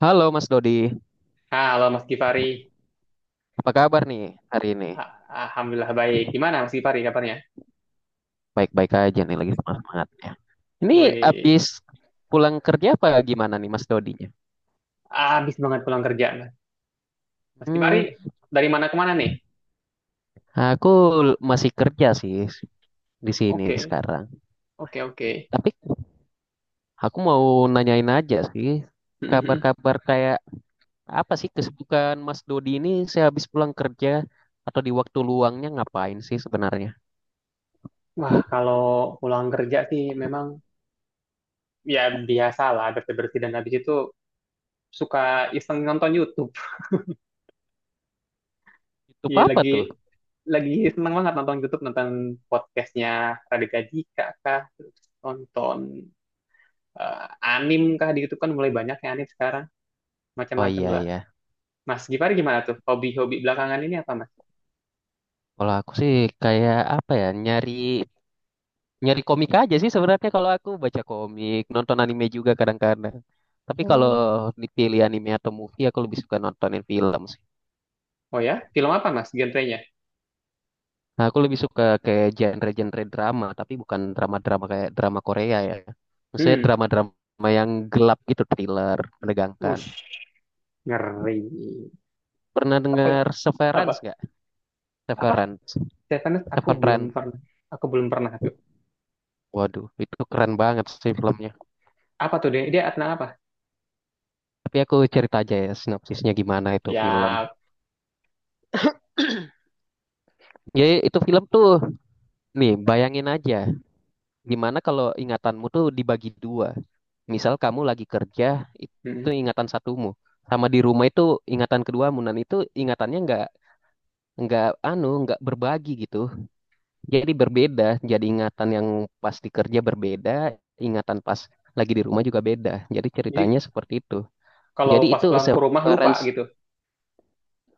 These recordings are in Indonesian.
Halo Mas Dodi, Halo Mas Gifari, apa kabar nih hari ini? A- Alhamdulillah baik. Gimana Mas Gifari kabarnya? Baik-baik aja nih lagi semangat-semangatnya. Ini Wih, habis pulang kerja apa gimana nih Mas Dodinya? habis banget pulang kerja Mas. Mas Gifari Hmm, dari mana ke mana nih? aku masih kerja sih di sini Oke, sekarang. oke, oke. Tapi aku mau nanyain aja sih, Mhm. kabar-kabar kayak apa sih kesibukan Mas Dodi ini sehabis pulang kerja atau di waktu luangnya ngapain sih sebenarnya? Wah, kalau pulang kerja sih memang ya biasalah bersih-bersih dan habis itu suka iseng nonton YouTube. Itu Iya, apa lagi tuh? lagi seneng banget nonton YouTube, nonton podcastnya Raditya Dika kah, terus nonton eh, anim kah di YouTube kan mulai banyak yang anim sekarang, Oh macam-macam iya lah. ya. Mas Gifari gimana tuh? Hobi-hobi belakangan ini apa, Mas? Kalau aku sih kayak apa ya, nyari nyari komik aja sih sebenarnya, kalau aku baca komik, nonton anime juga kadang-kadang. Tapi kalau Oh. dipilih anime atau movie, aku lebih suka nontonin film sih. Oh ya? Film apa, Mas? Genrenya? Nah, aku lebih suka kayak genre-genre drama, tapi bukan drama-drama kayak drama Korea ya. Maksudnya Hmm. drama-drama yang gelap gitu, thriller, menegangkan. Ush, ngeri. Pernah Apa? dengar Apa? Severance nggak? Apa? Severance. Stefanus, aku belum Severance. pernah. Aku belum pernah tuh. Waduh, itu keren banget sih filmnya. Apa tuh dia? Dia tentang apa? Tapi aku cerita aja ya sinopsisnya gimana itu film. Ya. Ya, itu film tuh, nih bayangin aja. Gimana kalau ingatanmu tuh dibagi dua? Misal kamu lagi kerja, Hmm. itu ingatan satumu. Sama di rumah itu ingatan keduamu. Dan itu ingatannya nggak anu nggak berbagi gitu. Jadi berbeda. Jadi ingatan yang pas di kerja berbeda, ingatan pas lagi di rumah juga beda. Jadi ceritanya Jadi seperti itu. kalau Jadi pas itu pulang ke rumah lupa severance gitu.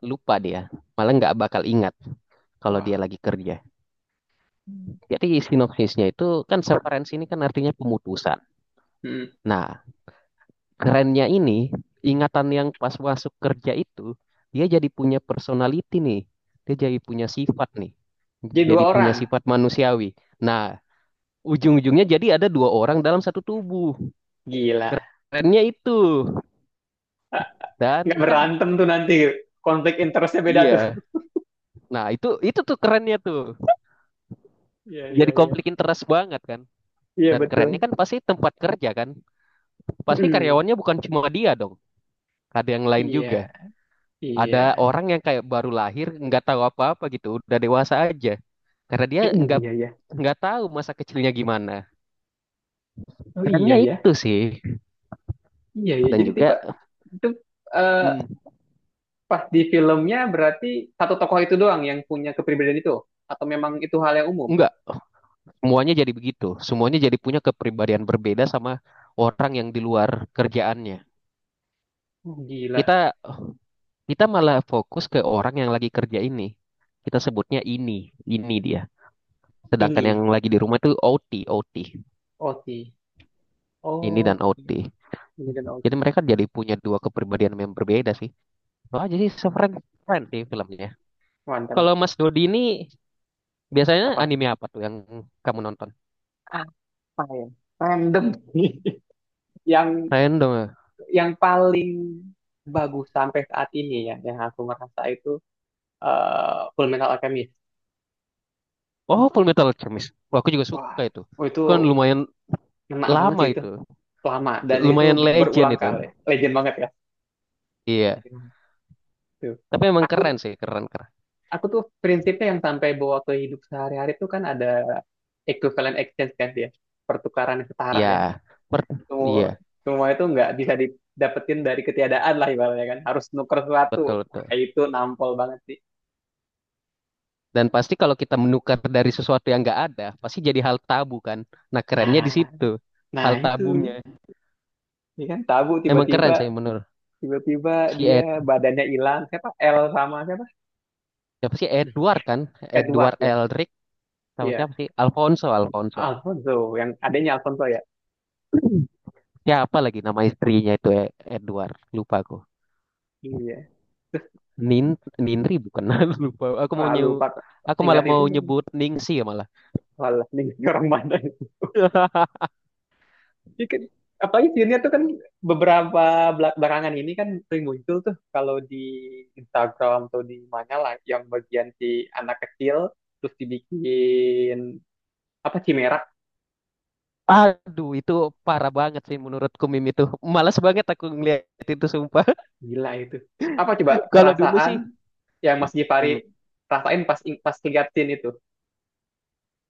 lupa dia. Malah nggak bakal ingat kalau dia Wah. lagi kerja. Jadi sinopsisnya itu kan severance ini kan artinya pemutusan. Hmm. Nah, kerennya ini, ingatan yang pas masuk kerja itu, dia jadi punya personality nih. Dia jadi punya sifat nih. Jadi dua Jadi punya orang. sifat manusiawi. Nah, ujung-ujungnya jadi ada dua orang dalam satu tubuh. Gila. Kerennya itu. Dan Nggak kan, berantem tuh nanti. Konflik interestnya beda iya. tuh. Nah, itu tuh kerennya tuh. Iya, iya, Jadi iya. konflik interest banget kan. Iya, Dan kerennya betul. kan pasti tempat kerja kan. Pasti Mm, karyawannya bukan cuma dia dong. Ada yang lain iya, juga. iya. Ada orang yang kayak baru lahir, nggak tahu apa-apa gitu, udah dewasa aja, karena dia Oh, nggak iya, ya. nggak tahu masa kecilnya gimana. Oh, iya, Kerennya ya. itu sih, Iya, ya. dan Jadi tipe juga itu, eh, mm, pas di filmnya berarti satu tokoh itu doang yang punya kepribadian itu, atau memang itu hal yang umum? nggak, semuanya jadi begitu, semuanya jadi punya kepribadian berbeda sama orang yang di luar kerjaannya. Oh, gila. Kita kita malah fokus ke orang yang lagi kerja ini. Kita sebutnya ini dia. Sedangkan Ini yang lagi di rumah itu OT, OT. OT. Ini dan Oh, OT. ini dan OT. Jadi mereka jadi punya dua kepribadian yang berbeda sih. Wah jadi sih, so friend, friend sih filmnya. Mantap. Kalau Mas Dodi ini biasanya Apa? anime apa tuh yang kamu nonton? Apa ya? Random. Yang Random, ya? yang paling bagus sampai saat ini ya, yang aku merasa itu, Full Metal Alchemist. Oh, Full Metal Alchemist. Wah, aku juga Wah, suka itu. oh itu Itu kan lumayan ngena banget lama sih itu. itu. Lama dan itu Lumayan legend berulang itu. kali. Legend banget ya. Iya. Legend banget. Tuh. Tapi emang Aku keren sih, keren keren. aku tuh prinsipnya yang sampai bawa ke hidup sehari-hari tuh kan ada equivalent exchange kan, dia pertukaran yang setara Iya. kan, Per- semua iya, semua itu nggak bisa didapetin dari ketiadaan lah, ibaratnya kan harus nuker sesuatu. betul Wah, betul. itu nampol banget sih. Dan pasti kalau kita menukar dari sesuatu yang nggak ada, pasti jadi hal tabu kan. Nah, kerennya di nah situ. nah Hal itu tabunya. ya kan. Tabu, Emang keren tiba-tiba saya menurut tiba-tiba si Ed. dia badannya hilang. Siapa? L sama siapa? Siapa sih Edward kan? Edward Edward ya. Elric sama Iya, siapa sih? Alfonso, Alfonso. Alfonso. Yang adanya Alfonso ya. Ya apa lagi nama istrinya itu Edward. Lupa aku. Iya, Nin Ninri bukan. Lupa. Aku mau wah nyew, lupa, aku ingat malah itu mau lagi. nyebut Ningsi ya malah. Walah, ini orang mana. Ya kan, apalagi junior tuh kan beberapa belakangan ini kan sering muncul tuh kalau di Instagram atau di mana lah, yang bagian si anak kecil terus dibikin apa, cimerak. Aduh, itu Ah, parah banget sih menurutku meme itu. Malas banget aku ngeliat itu sumpah. gila itu. Apa coba Kalau dulu sih, perasaan yang Mas hmm, Gifari rasain pas pas ngeliatin itu?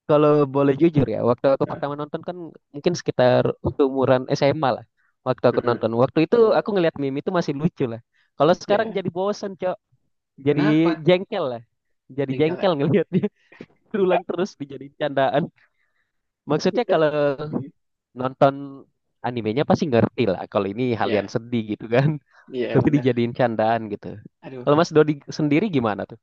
kalau boleh jujur ya, waktu aku Nah, pertama nonton kan mungkin sekitar umuran SMA lah. Waktu aku mm-mm. nonton, waktu itu aku ngeliat meme itu masih lucu lah. Kalau sekarang Ya, jadi bosen, Cok. Jadi kenapa. jengkel lah. Jadi Yang jengkelnya. jengkel ngeliat berulang terus dijadiin candaan. Maksudnya kalau nonton animenya pasti ngerti lah kalau ini hal yang Ya, sedih gitu kan. ya, Tapi benar. dijadiin candaan gitu. Kalau Aduh, Mas Dodi sendiri gimana tuh?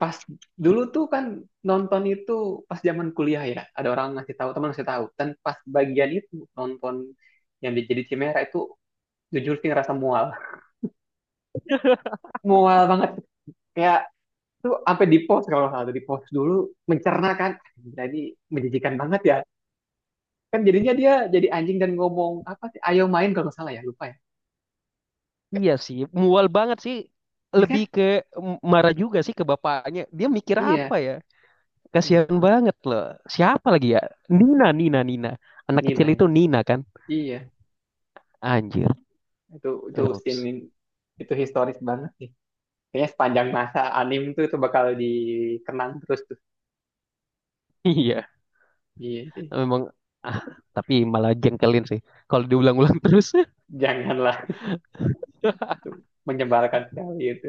pas dulu tuh kan nonton itu pas zaman kuliah ya, ada orang ngasih tahu, teman ngasih tahu, dan pas bagian itu nonton yang jadi Chimera itu, jujur sih ngerasa mual. Mual banget, kayak tuh sampai di pause kalau nggak salah tuh, di pause dulu, mencerna kan. Jadi menjijikan banget ya kan, jadinya dia jadi anjing dan ngomong apa sih ayo main, kalau nggak salah ya, lupa ya. Iya sih, mual banget sih. Ya kan. Lebih ke marah juga sih ke bapaknya. Dia mikir Iya, apa ya? aduh, Kasihan banget loh. Siapa lagi ya? Nina, Nina, Nina. Anak Nina kecil ya. itu Nina kan? Iya, Anjir. itu Eh, scene ups. itu historis banget sih. Kayaknya sepanjang masa anim tuh itu bakal dikenang terus tuh. Iya, Iya sih. memang ah, tapi malah jengkelin sih. Kalau diulang-ulang terus. Janganlah. Itu menyebalkan sekali itu.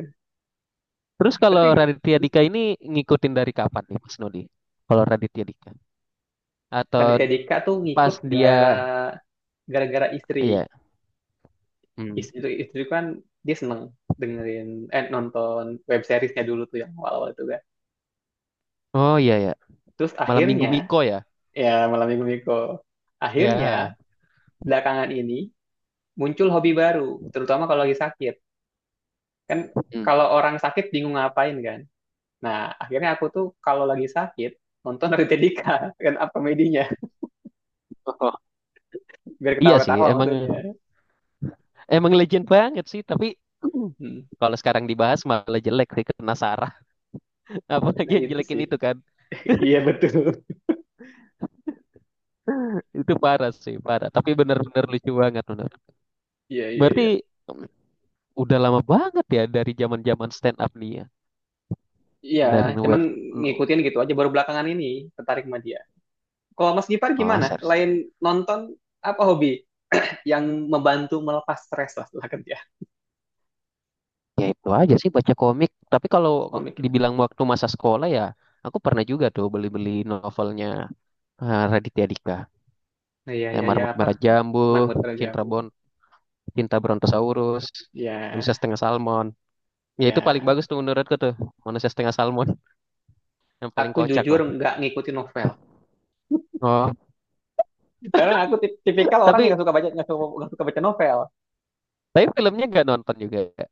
Terus Tapi kalau Raditya Dika ini ngikutin dari kapan nih Mas Nudi? Kalau Raditya Dika atau Raditya Dika tuh pas ngikut dia gara-gara istri. ya. Hmm. Istri itu kan, dia seneng dengerin eh nonton web seriesnya dulu tuh yang awal-awal itu kan. Oh iya ya. Terus Malam Minggu akhirnya Miko ya. ya, malam minggu minggu akhirnya Ya. belakangan ini muncul hobi baru, terutama kalau lagi sakit. Kan Hmm. kalau orang sakit bingung ngapain kan. Nah, akhirnya aku tuh kalau lagi sakit, nonton dari Dika, kan apa komedinya, Oh, biar iya sih, ketawa-ketawa emang maksudnya. emang legend banget sih, tapi Hmm. kalau sekarang dibahas malah jelek sih kena Sarah. Apalagi Nah, yang itu sih. jelekin itu kan. Iya, betul. Itu parah sih, parah. Tapi bener-bener lucu banget bener. Iya, iya, Berarti iya. mm, udah lama banget ya dari zaman-zaman stand up nih ya. Iya, Dari no cuman web no. ngikutin gitu aja, baru belakangan ini tertarik sama dia. Kalau Mas Gipar Oh, gimana? serius. Selain nonton, apa hobi yang membantu melepas stres lah setelah kerja? Ya itu aja sih baca komik. Tapi kalau Komik ya? dibilang waktu masa sekolah ya, aku pernah juga tuh beli-beli novelnya Raditya Dika. Nah, iya, iya, Kayak iya, Marmut apa? Merah Jambu, Mangut kerja Cinta aku. Bon, Cinta Brontosaurus, Manusia Ya, Setengah Salmon. Ya itu paling iya. bagus tuh menurutku tuh, Manusia Setengah Salmon yang paling Aku kocak jujur lah. nggak ngikutin novel. Oh, Karena aku tipikal orang yang tapi nggak suka baca novel. tapi filmnya nggak nonton juga, ya.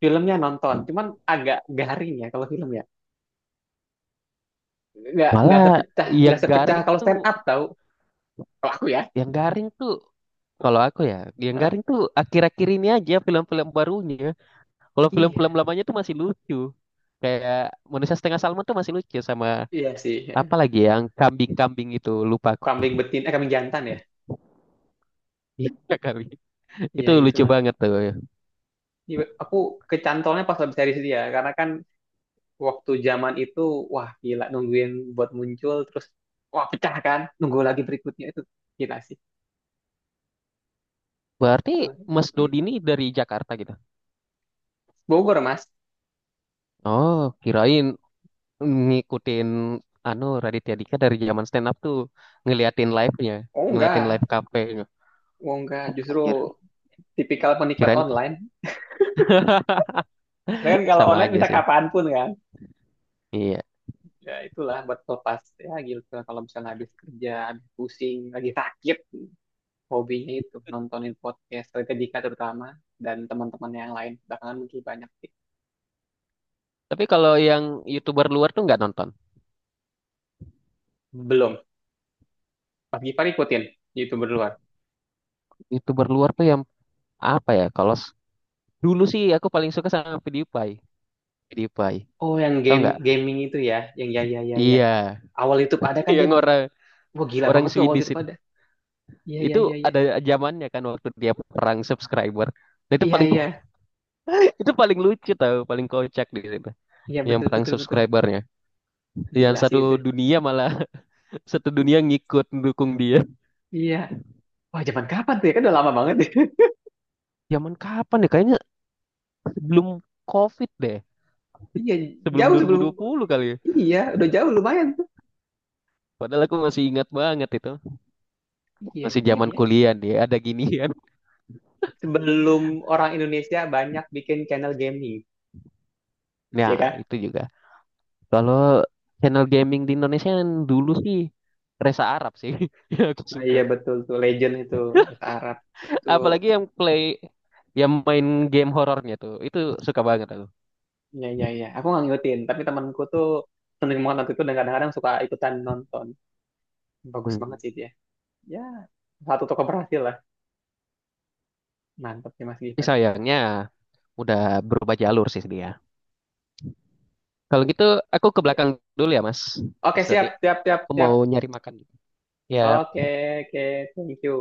Filmnya nonton, cuman agak garing ya kalau film ya, nggak Malah sepecah, yang garing kalau stand tuh, up tau, kalau aku ya. yang garing tuh kalau aku ya, yang Hah? garing tuh akhir-akhir ini aja film-film barunya. Kalau film-film Iya. lamanya tuh masih lucu. Kayak Manusia Setengah Salmon tuh masih lucu, sama Iya sih ya. apa lagi yang kambing-kambing itu lupa aku. Kambing betin eh Kambing Jantan ya. Iya, kambing. Itu Iya lucu itulah. banget tuh. Iya, aku kecantolnya pas habis series dia, karena kan waktu zaman itu wah gila nungguin buat muncul terus, wah pecah kan nunggu lagi berikutnya itu, gila sih. Berarti Mas Hmm. Dodi ini dari Jakarta gitu. Bogor, Mas. Oh, kirain ngikutin anu Raditya Dika dari zaman stand up tuh, ngeliatin live-nya, Oh ngeliatin live enggak, cafe. oh enggak, justru Anjir, tipikal penikmat kirain online. Mereka kan kalau sama online aja bisa sih. kapanpun kan. Iya. Ya itulah buat pelepas, ya gitu kalau misalnya habis kerja, habis pusing, lagi sakit, hobinya itu nontonin podcast Raditya Dika terutama, dan teman-teman yang lain belakangan mungkin banyak sih. Tapi kalau yang YouTuber luar tuh nggak nonton. Belum. Mas Gifar ikutin youtuber luar. YouTuber luar tuh yang apa ya? Dulu sih aku paling suka sama PewDiePie. PewDiePie. Oh, yang Tau game, nggak? gaming itu ya, yang, ya, ya, ya, ya, Iya. awal YouTube ada kan dia. Yang orang Wah gila orang banget tuh awal Swedish YouTube itu. ada. Iya, iya, Itu iya, iya. ada zamannya kan waktu dia perang subscriber. Nah, itu Iya, paling iya, itu paling lucu tau, paling kocak di situ. iya, Yang betul, perang betul, betul, subscribernya. Yang gila sih satu itu. dunia malah satu dunia ngikut mendukung dia. Iya, wah zaman kapan tuh ya, kan udah lama banget. Zaman kapan ya? Kayaknya sebelum COVID deh. Iya, Sebelum jauh sebelum. 2020 kali ya. Iya, udah jauh lumayan tuh. Padahal aku masih ingat banget itu. Iya, Masih iya, zaman ya. kuliah dia ada ginian. Sebelum orang Indonesia banyak bikin channel gaming, ya Nah, kan? itu juga. Kalau channel gaming di Indonesia yang dulu sih Resa Arab sih, yang aku Nah, suka. iya, betul tuh legend itu, bahasa Arab itu. Apalagi yang main game horornya tuh, itu suka banget aku. Ya, ya, ya. Aku nggak ngikutin, tapi temanku tuh seneng banget nonton itu dan kadang-kadang suka ikutan nonton. Bagus banget Hmm. sih dia. Ya, satu toko berhasil lah. Mantap sih Mas Tapi Givari. sayangnya udah berubah jalur sih dia. Kalau gitu aku ke belakang Iya. dulu ya Mas. Oke, Mas Dodi, siap, siap, siap, aku siap. mau nyari makan. Oke, Ya, oke, thank you.